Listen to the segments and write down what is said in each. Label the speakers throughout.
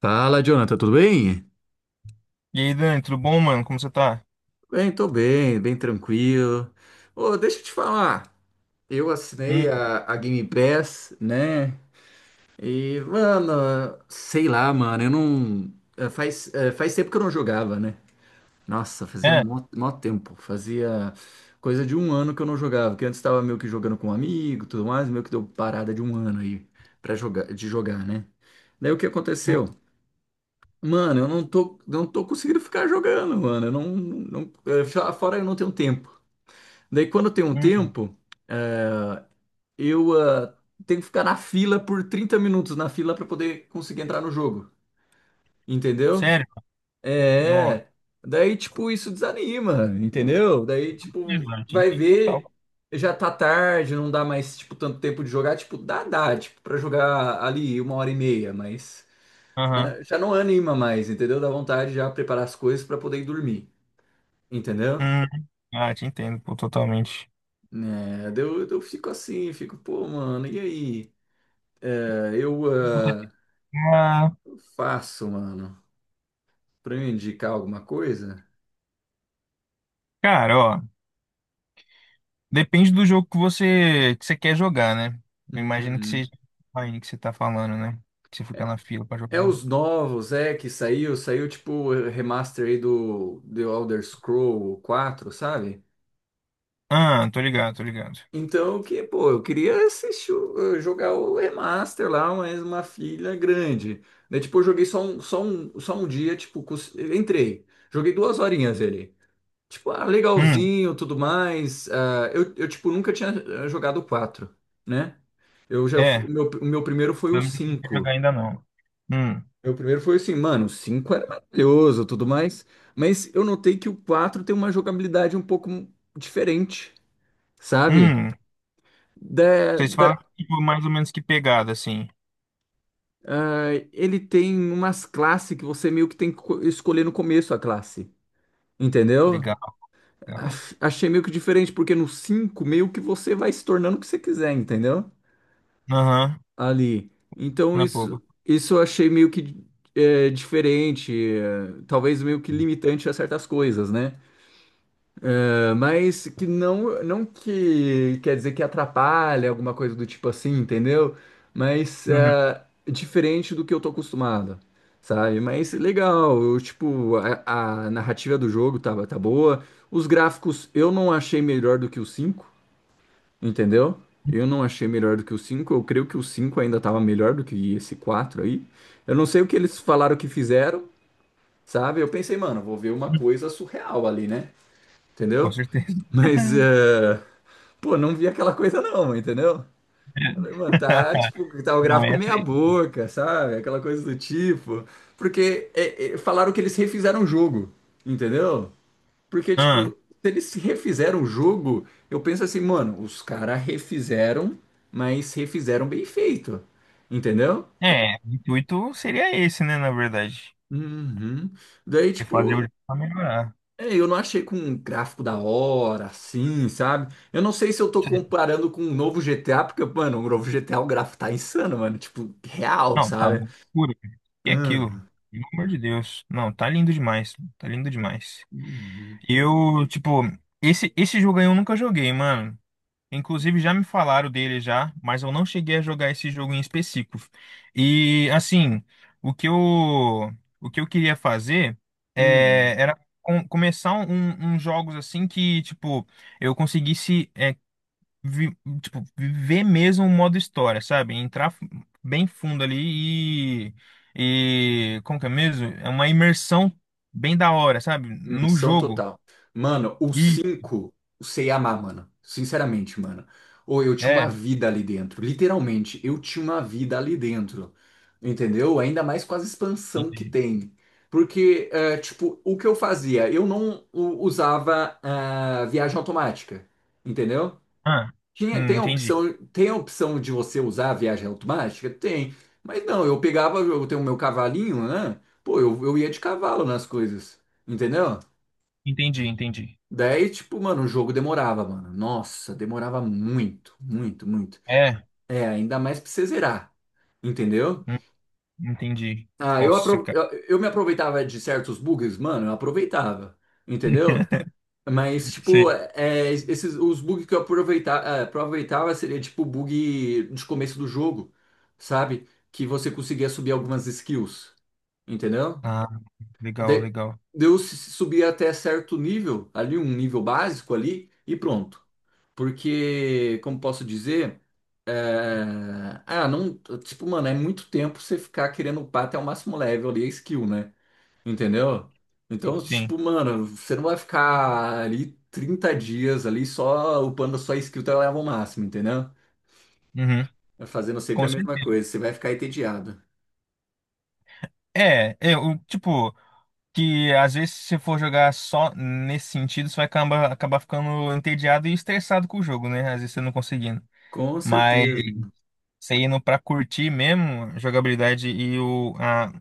Speaker 1: Fala, Jonathan, tudo bem?
Speaker 2: E aí, Dani, tudo bom, mano? Como você tá?
Speaker 1: Bem, tô bem, bem tranquilo. Ô, deixa eu te falar. Eu assinei
Speaker 2: Hum,
Speaker 1: a Game Pass, né? E, mano, sei lá, mano, eu não. É, faz tempo que eu não jogava, né? Nossa, fazia
Speaker 2: é?
Speaker 1: mó tempo. Fazia coisa de um ano que eu não jogava. Que antes tava meio que jogando com um amigo e tudo mais, meio que deu parada de um ano aí pra jogar, de jogar, né? Daí o que
Speaker 2: Hum,
Speaker 1: aconteceu? Mano, eu não tô, não tô conseguindo ficar jogando, mano. Eu não, não, eh, já- Fora eu não tenho tempo. Daí quando eu tenho um
Speaker 2: hum.
Speaker 1: tempo, eu tenho que ficar na fila por 30 minutos na fila pra poder conseguir entrar no jogo. Entendeu?
Speaker 2: Sério? Não.
Speaker 1: É. Daí, tipo, isso desanima, entendeu? Daí, tipo,
Speaker 2: Eu te
Speaker 1: vai
Speaker 2: entendo
Speaker 1: ver,
Speaker 2: total.
Speaker 1: já tá tarde, não dá mais, tipo, tanto tempo de jogar. Tipo, dá, tipo, pra jogar ali 1 hora e meia, mas
Speaker 2: Aham.
Speaker 1: ah, já não anima mais, entendeu? Dá vontade já preparar as coisas pra poder ir dormir. Entendeu?
Speaker 2: Hum. Ah, te entendo, pô, totalmente.
Speaker 1: É, daí eu fico assim, fico, pô, mano, e aí? É, eu
Speaker 2: Ah,
Speaker 1: faço, mano, pra eu indicar alguma coisa?
Speaker 2: cara, ó, depende do jogo que você quer jogar, né? Eu imagino que
Speaker 1: Uhum.
Speaker 2: seja o Mine que você tá falando, né? Que você fica na fila pra
Speaker 1: É
Speaker 2: jogar.
Speaker 1: os novos, é, que saiu tipo o remaster aí do The Elder Scroll quatro, sabe?
Speaker 2: Ah, tô ligado, tô ligado.
Speaker 1: Então, que, pô, eu queria jogar o remaster lá, mas uma filha grande. Daí, tipo, eu joguei só um dia, tipo, entrei. Joguei 2 horinhas ele. Tipo, ah,
Speaker 2: Hum,
Speaker 1: legalzinho, tudo mais. Ah, tipo, nunca tinha jogado o 4, né? Eu já, fu-
Speaker 2: é.
Speaker 1: o meu primeiro foi o
Speaker 2: Eu não sei jogar
Speaker 1: cinco.
Speaker 2: ainda não. Hum,
Speaker 1: Meu primeiro foi assim, mano, o 5 era maravilhoso, tudo mais. Mas eu notei que o 4 tem uma jogabilidade um pouco diferente, sabe?
Speaker 2: hum.
Speaker 1: Da,
Speaker 2: Vocês
Speaker 1: da,
Speaker 2: falam, tipo, mais ou menos que pegada, assim.
Speaker 1: ele tem umas classes que você meio que tem que escolher no começo a classe, entendeu?
Speaker 2: Legal, legal.
Speaker 1: Achei meio que diferente, porque no 5 meio que você vai se tornando o que você quiser, entendeu?
Speaker 2: Aham.
Speaker 1: Ali. Então
Speaker 2: Na boba.
Speaker 1: isso eu achei meio que é, diferente, é, talvez meio que limitante a certas coisas, né? É, mas que não que quer dizer que atrapalha alguma coisa do tipo assim, entendeu? Mas
Speaker 2: Uhum.
Speaker 1: é, diferente do que eu tô acostumado. Sabe? Mas legal, eu, tipo, a narrativa do jogo tá boa. Os gráficos eu não achei melhor do que o 5. Entendeu? Eu não achei melhor do que o cinco. Eu creio que o 5 ainda estava melhor do que esse 4 aí. Eu não sei o que eles falaram que fizeram, sabe? Eu pensei, mano, vou ver uma coisa surreal ali, né?
Speaker 2: Com
Speaker 1: Entendeu?
Speaker 2: certeza.
Speaker 1: Mas, eh, pô, não vi aquela coisa não, entendeu? Falei, mano, tá tipo, tá o
Speaker 2: Não
Speaker 1: gráfico
Speaker 2: é
Speaker 1: meia
Speaker 2: triste.
Speaker 1: boca, sabe? Aquela coisa do tipo. Porque falaram que eles refizeram o jogo, entendeu? Porque,
Speaker 2: Ah,
Speaker 1: tipo, se eles refizeram o jogo, eu penso assim, mano, os caras refizeram, mas refizeram bem feito. Entendeu?
Speaker 2: é, o intuito seria esse, né, na verdade.
Speaker 1: Uhum. Daí,
Speaker 2: É fazer o
Speaker 1: tipo,
Speaker 2: jogo pra melhorar.
Speaker 1: é, eu não achei com um gráfico da hora, assim, sabe? Eu não sei se eu tô comparando com o novo GTA, porque, mano, o novo GTA, o gráfico tá insano, mano. Tipo, real,
Speaker 2: Não, tá uma
Speaker 1: sabe?
Speaker 2: loucura, cara. E aquilo?
Speaker 1: Uhum.
Speaker 2: Pelo amor de Deus. Não, tá lindo demais. Tá lindo demais.
Speaker 1: Uhum.
Speaker 2: Eu, tipo, esse jogo aí eu nunca joguei, mano. Inclusive já me falaram dele já, mas eu não cheguei a jogar esse jogo em específico. E assim, o que eu, o que eu queria fazer
Speaker 1: Uhum.
Speaker 2: começar uns jogos assim que, tipo, eu conseguisse vi- tipo, viver mesmo o modo história, sabe? Entrar bem fundo ali e como que é mesmo? É uma imersão bem da hora, sabe? No
Speaker 1: Missão
Speaker 2: jogo.
Speaker 1: total. Mano, o
Speaker 2: E
Speaker 1: cinco, o sei amar, mano. Sinceramente, mano. Ou eu tinha uma
Speaker 2: é.
Speaker 1: vida ali dentro. Literalmente, eu tinha uma vida ali dentro. Entendeu? Ainda mais com as expansão que
Speaker 2: Entendi.
Speaker 1: tem. Porque, é, tipo, o que eu fazia? Eu não usava ah, viagem automática. Entendeu?
Speaker 2: Ah, entendi.
Speaker 1: Tem a opção de você usar a viagem automática? Tem. Mas não, eu pegava, eu tenho o meu cavalinho, né? Pô, eu ia de cavalo nas coisas. Entendeu?
Speaker 2: Entendi, entendi.
Speaker 1: Daí, tipo, mano, o jogo demorava, mano. Nossa, demorava muito, muito, muito.
Speaker 2: É,
Speaker 1: É, ainda mais pra você zerar, entendeu?
Speaker 2: hum, entendi.
Speaker 1: Ah, eu,
Speaker 2: Nossa,
Speaker 1: apro
Speaker 2: cara.
Speaker 1: eu, eu me aproveitava de certos bugs, mano, eu aproveitava, entendeu? Mas, tipo,
Speaker 2: Sei.
Speaker 1: é, esses, os bugs que eu aproveitava seria, tipo, bug de começo do jogo, sabe? Que você conseguia subir algumas skills, entendeu?
Speaker 2: Ah, legal,
Speaker 1: De,
Speaker 2: legal.
Speaker 1: eu subia até certo nível, ali, um nível básico ali, e pronto. Porque, como posso dizer, é, ah, não, tipo, mano, é muito tempo você ficar querendo upar até o máximo level ali a skill, né? Entendeu? Então,
Speaker 2: Sim.
Speaker 1: tipo, mano, você não vai ficar ali 30 dias ali só upando a sua skill até o level máximo, entendeu?
Speaker 2: Uhum,
Speaker 1: É, fazendo sempre
Speaker 2: com
Speaker 1: a mesma
Speaker 2: certeza.
Speaker 1: coisa, você vai ficar entediado.
Speaker 2: É, eu, tipo, que às vezes se você for jogar só nesse sentido, você vai acabar ficando entediado e estressado com o jogo, né? Às vezes você não conseguindo.
Speaker 1: Com
Speaker 2: Mas
Speaker 1: certeza,
Speaker 2: você indo pra curtir mesmo a jogabilidade e o a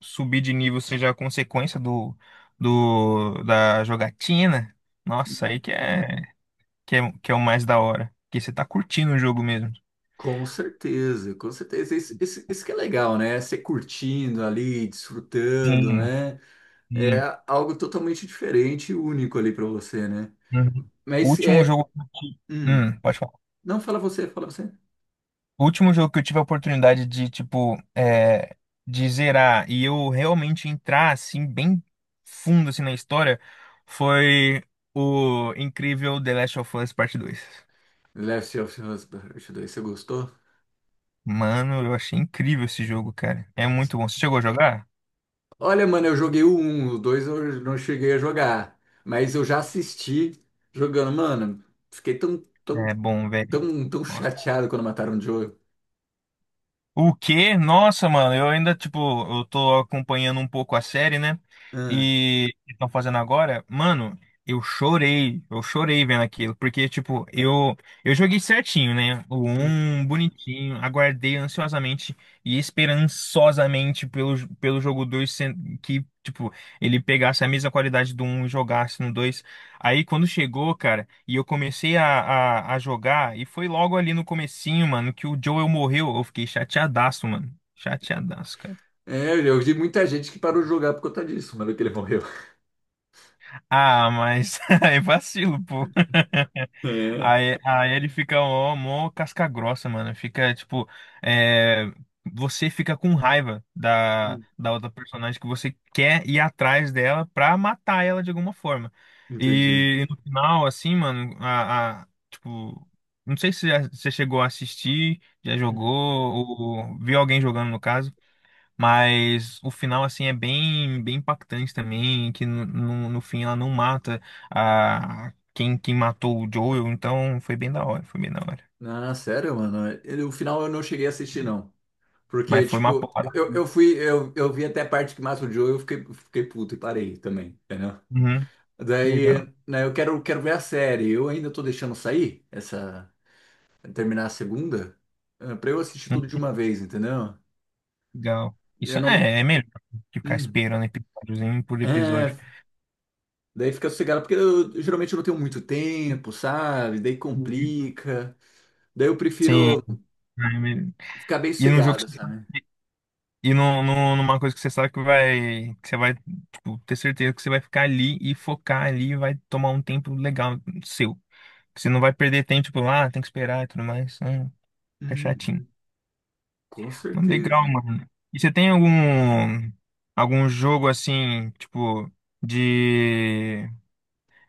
Speaker 2: subir de nível seja a consequência do, da jogatina, nossa, aí que é. Que é o mais da hora. Que você tá curtindo o jogo mesmo.
Speaker 1: com certeza, com certeza. Isso que é legal, né? Você curtindo ali, desfrutando,
Speaker 2: Sim,
Speaker 1: né? É
Speaker 2: sim.
Speaker 1: algo totalmente diferente e único ali pra você, né?
Speaker 2: Uhum. O
Speaker 1: Mas
Speaker 2: último
Speaker 1: é.
Speaker 2: jogo.
Speaker 1: Hum,
Speaker 2: Pode falar.
Speaker 1: não, fala você, fala você.
Speaker 2: O último jogo que eu tive a oportunidade de, tipo, de zerar e eu realmente entrar, assim, bem fundo, assim, na história, foi o incrível The Last of Us Parte Dois.
Speaker 1: Left of Us Part 2, você gostou?
Speaker 2: Mano, eu achei incrível esse jogo, cara. É muito bom. Você chegou a jogar?
Speaker 1: Olha, mano, eu joguei o 1, o 2 eu não cheguei a jogar. Mas eu já assisti jogando. Mano, fiquei tão,
Speaker 2: É bom, velho.
Speaker 1: tão chateado quando mataram o Joel.
Speaker 2: O quê? Nossa, mano, eu ainda, tipo, eu tô acompanhando um pouco a série, né?
Speaker 1: Ah,
Speaker 2: E estão fazendo agora, mano, eu chorei vendo aquilo, porque, tipo, eu joguei certinho, né? O
Speaker 1: hum.
Speaker 2: um bonitinho, aguardei ansiosamente e esperançosamente pelo jogo 2 que, tipo, ele pegasse a mesma qualidade do um e jogasse no 2. Aí quando chegou, cara, e eu comecei a jogar, e foi logo ali no comecinho, mano, que o Joel morreu. Eu fiquei chateadaço, mano. Chateadaço, cara.
Speaker 1: É, eu vi muita gente que parou de jogar por conta disso, mano, que ele morreu.
Speaker 2: Ah, mas aí vacilo, pô.
Speaker 1: É.
Speaker 2: Aí ele fica ó, mó casca grossa, mano. Fica, tipo, é, você fica com raiva da,
Speaker 1: Hum,
Speaker 2: da outra personagem que você quer ir atrás dela pra matar ela de alguma forma.
Speaker 1: entendi.
Speaker 2: E, no final, assim, mano, tipo, não sei se você chegou a assistir, já jogou,
Speaker 1: Hum.
Speaker 2: ou viu alguém jogando no caso. Mas o final, assim, é bem, bem impactante também, que no fim ela não mata a quem matou o Joel, então foi bem da hora, foi bem da hora.
Speaker 1: Ah, sério, mano. Ele- o final eu não cheguei a assistir, não. Porque,
Speaker 2: Mas foi uma
Speaker 1: tipo,
Speaker 2: porrada.
Speaker 1: eu vi até a parte que mata o Joe e eu fiquei puto e parei também, entendeu?
Speaker 2: Uhum,
Speaker 1: Daí,
Speaker 2: legal.
Speaker 1: né, eu quero ver a série. Eu ainda tô deixando sair essa, terminar a segunda, eh, pra eu assistir tudo
Speaker 2: Hum,
Speaker 1: de uma vez, entendeu?
Speaker 2: legal.
Speaker 1: Eu
Speaker 2: Isso
Speaker 1: não.
Speaker 2: é melhor que ficar
Speaker 1: Hum.
Speaker 2: esperando episódiozinho por
Speaker 1: É,
Speaker 2: episódio.
Speaker 1: daí fica sossegado, porque eu, geralmente eu não tenho muito tempo, sabe? Daí
Speaker 2: Uhum.
Speaker 1: complica. Daí eu
Speaker 2: Sim.
Speaker 1: prefiro
Speaker 2: É melhor.
Speaker 1: ficar bem
Speaker 2: E num jogo
Speaker 1: sossegado,
Speaker 2: que você,
Speaker 1: sabe?
Speaker 2: e numa coisa que você sabe que você vai, tipo, ter certeza que você vai ficar ali e focar ali e vai tomar um tempo legal seu. Você não vai perder tempo, tipo, ah, tem que esperar e tudo mais, né? Fica chatinho.
Speaker 1: Uhum, com
Speaker 2: Mas legal,
Speaker 1: certeza.
Speaker 2: mano. E você tem algum jogo assim, tipo, de,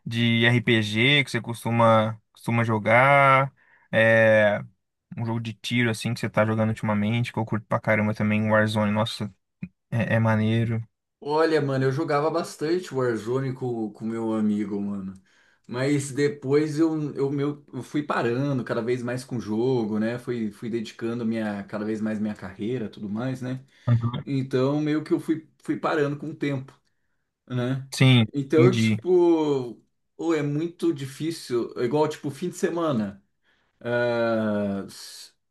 Speaker 2: RPG que você costuma jogar? É, um jogo de tiro assim que você tá jogando ultimamente, que eu curto pra caramba também, Warzone. Nossa, é maneiro.
Speaker 1: Olha, mano, eu jogava bastante Warzone com o meu amigo, mano. Mas depois eu fui parando cada vez mais com o jogo, né? Fui dedicando minha, cada vez mais minha carreira, tudo mais, né?
Speaker 2: Uhum.
Speaker 1: Então meio que fui parando com o tempo, né?
Speaker 2: Sim,
Speaker 1: Então,
Speaker 2: entendi.
Speaker 1: tipo, ou é muito difícil, é igual tipo fim de semana. Ah,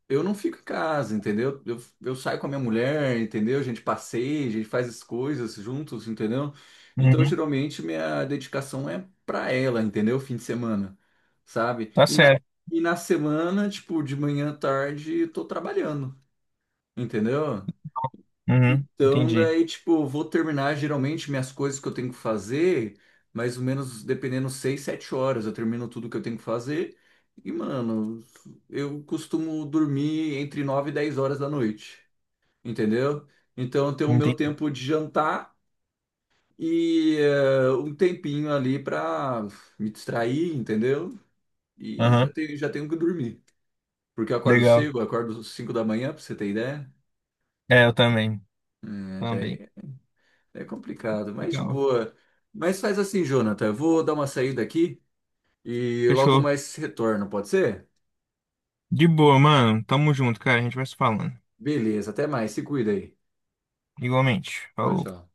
Speaker 1: eu não fico em casa, entendeu? Eu saio com a minha mulher, entendeu? A gente passeia, a gente faz as coisas juntos, entendeu? Então,
Speaker 2: Uhum.
Speaker 1: geralmente, minha dedicação é pra ela, entendeu? Fim de semana, sabe?
Speaker 2: Tá
Speaker 1: E
Speaker 2: certo.
Speaker 1: e na semana, tipo, de manhã à tarde, eu tô trabalhando, entendeu?
Speaker 2: Uhum.
Speaker 1: Então,
Speaker 2: Entendi.
Speaker 1: daí, tipo, vou terminar geralmente minhas coisas que eu tenho que fazer, mais ou menos, dependendo, 6, 7 horas. Eu termino tudo que eu tenho que fazer. E, mano, eu costumo dormir entre 9 e 10 horas da noite, entendeu? Então, eu tenho o meu
Speaker 2: Entendi.
Speaker 1: tempo de jantar e eh, um tempinho ali pra me distrair, entendeu? E
Speaker 2: Aham.
Speaker 1: já tenho que dormir. Porque eu acordo
Speaker 2: Legal.
Speaker 1: cedo, eu acordo 5 da manhã, pra você ter ideia.
Speaker 2: É, eu também.
Speaker 1: É,
Speaker 2: Também.
Speaker 1: daí é complicado, mas de
Speaker 2: Legal.
Speaker 1: boa. Mas faz assim, Jonathan. Eu vou dar uma saída aqui e logo
Speaker 2: Fechou.
Speaker 1: mais retorno, pode ser?
Speaker 2: De boa, mano. Tamo junto, cara. A gente vai se falando.
Speaker 1: Beleza, até mais. Se cuida aí.
Speaker 2: Igualmente.
Speaker 1: Tchau,
Speaker 2: Falou.
Speaker 1: tchau.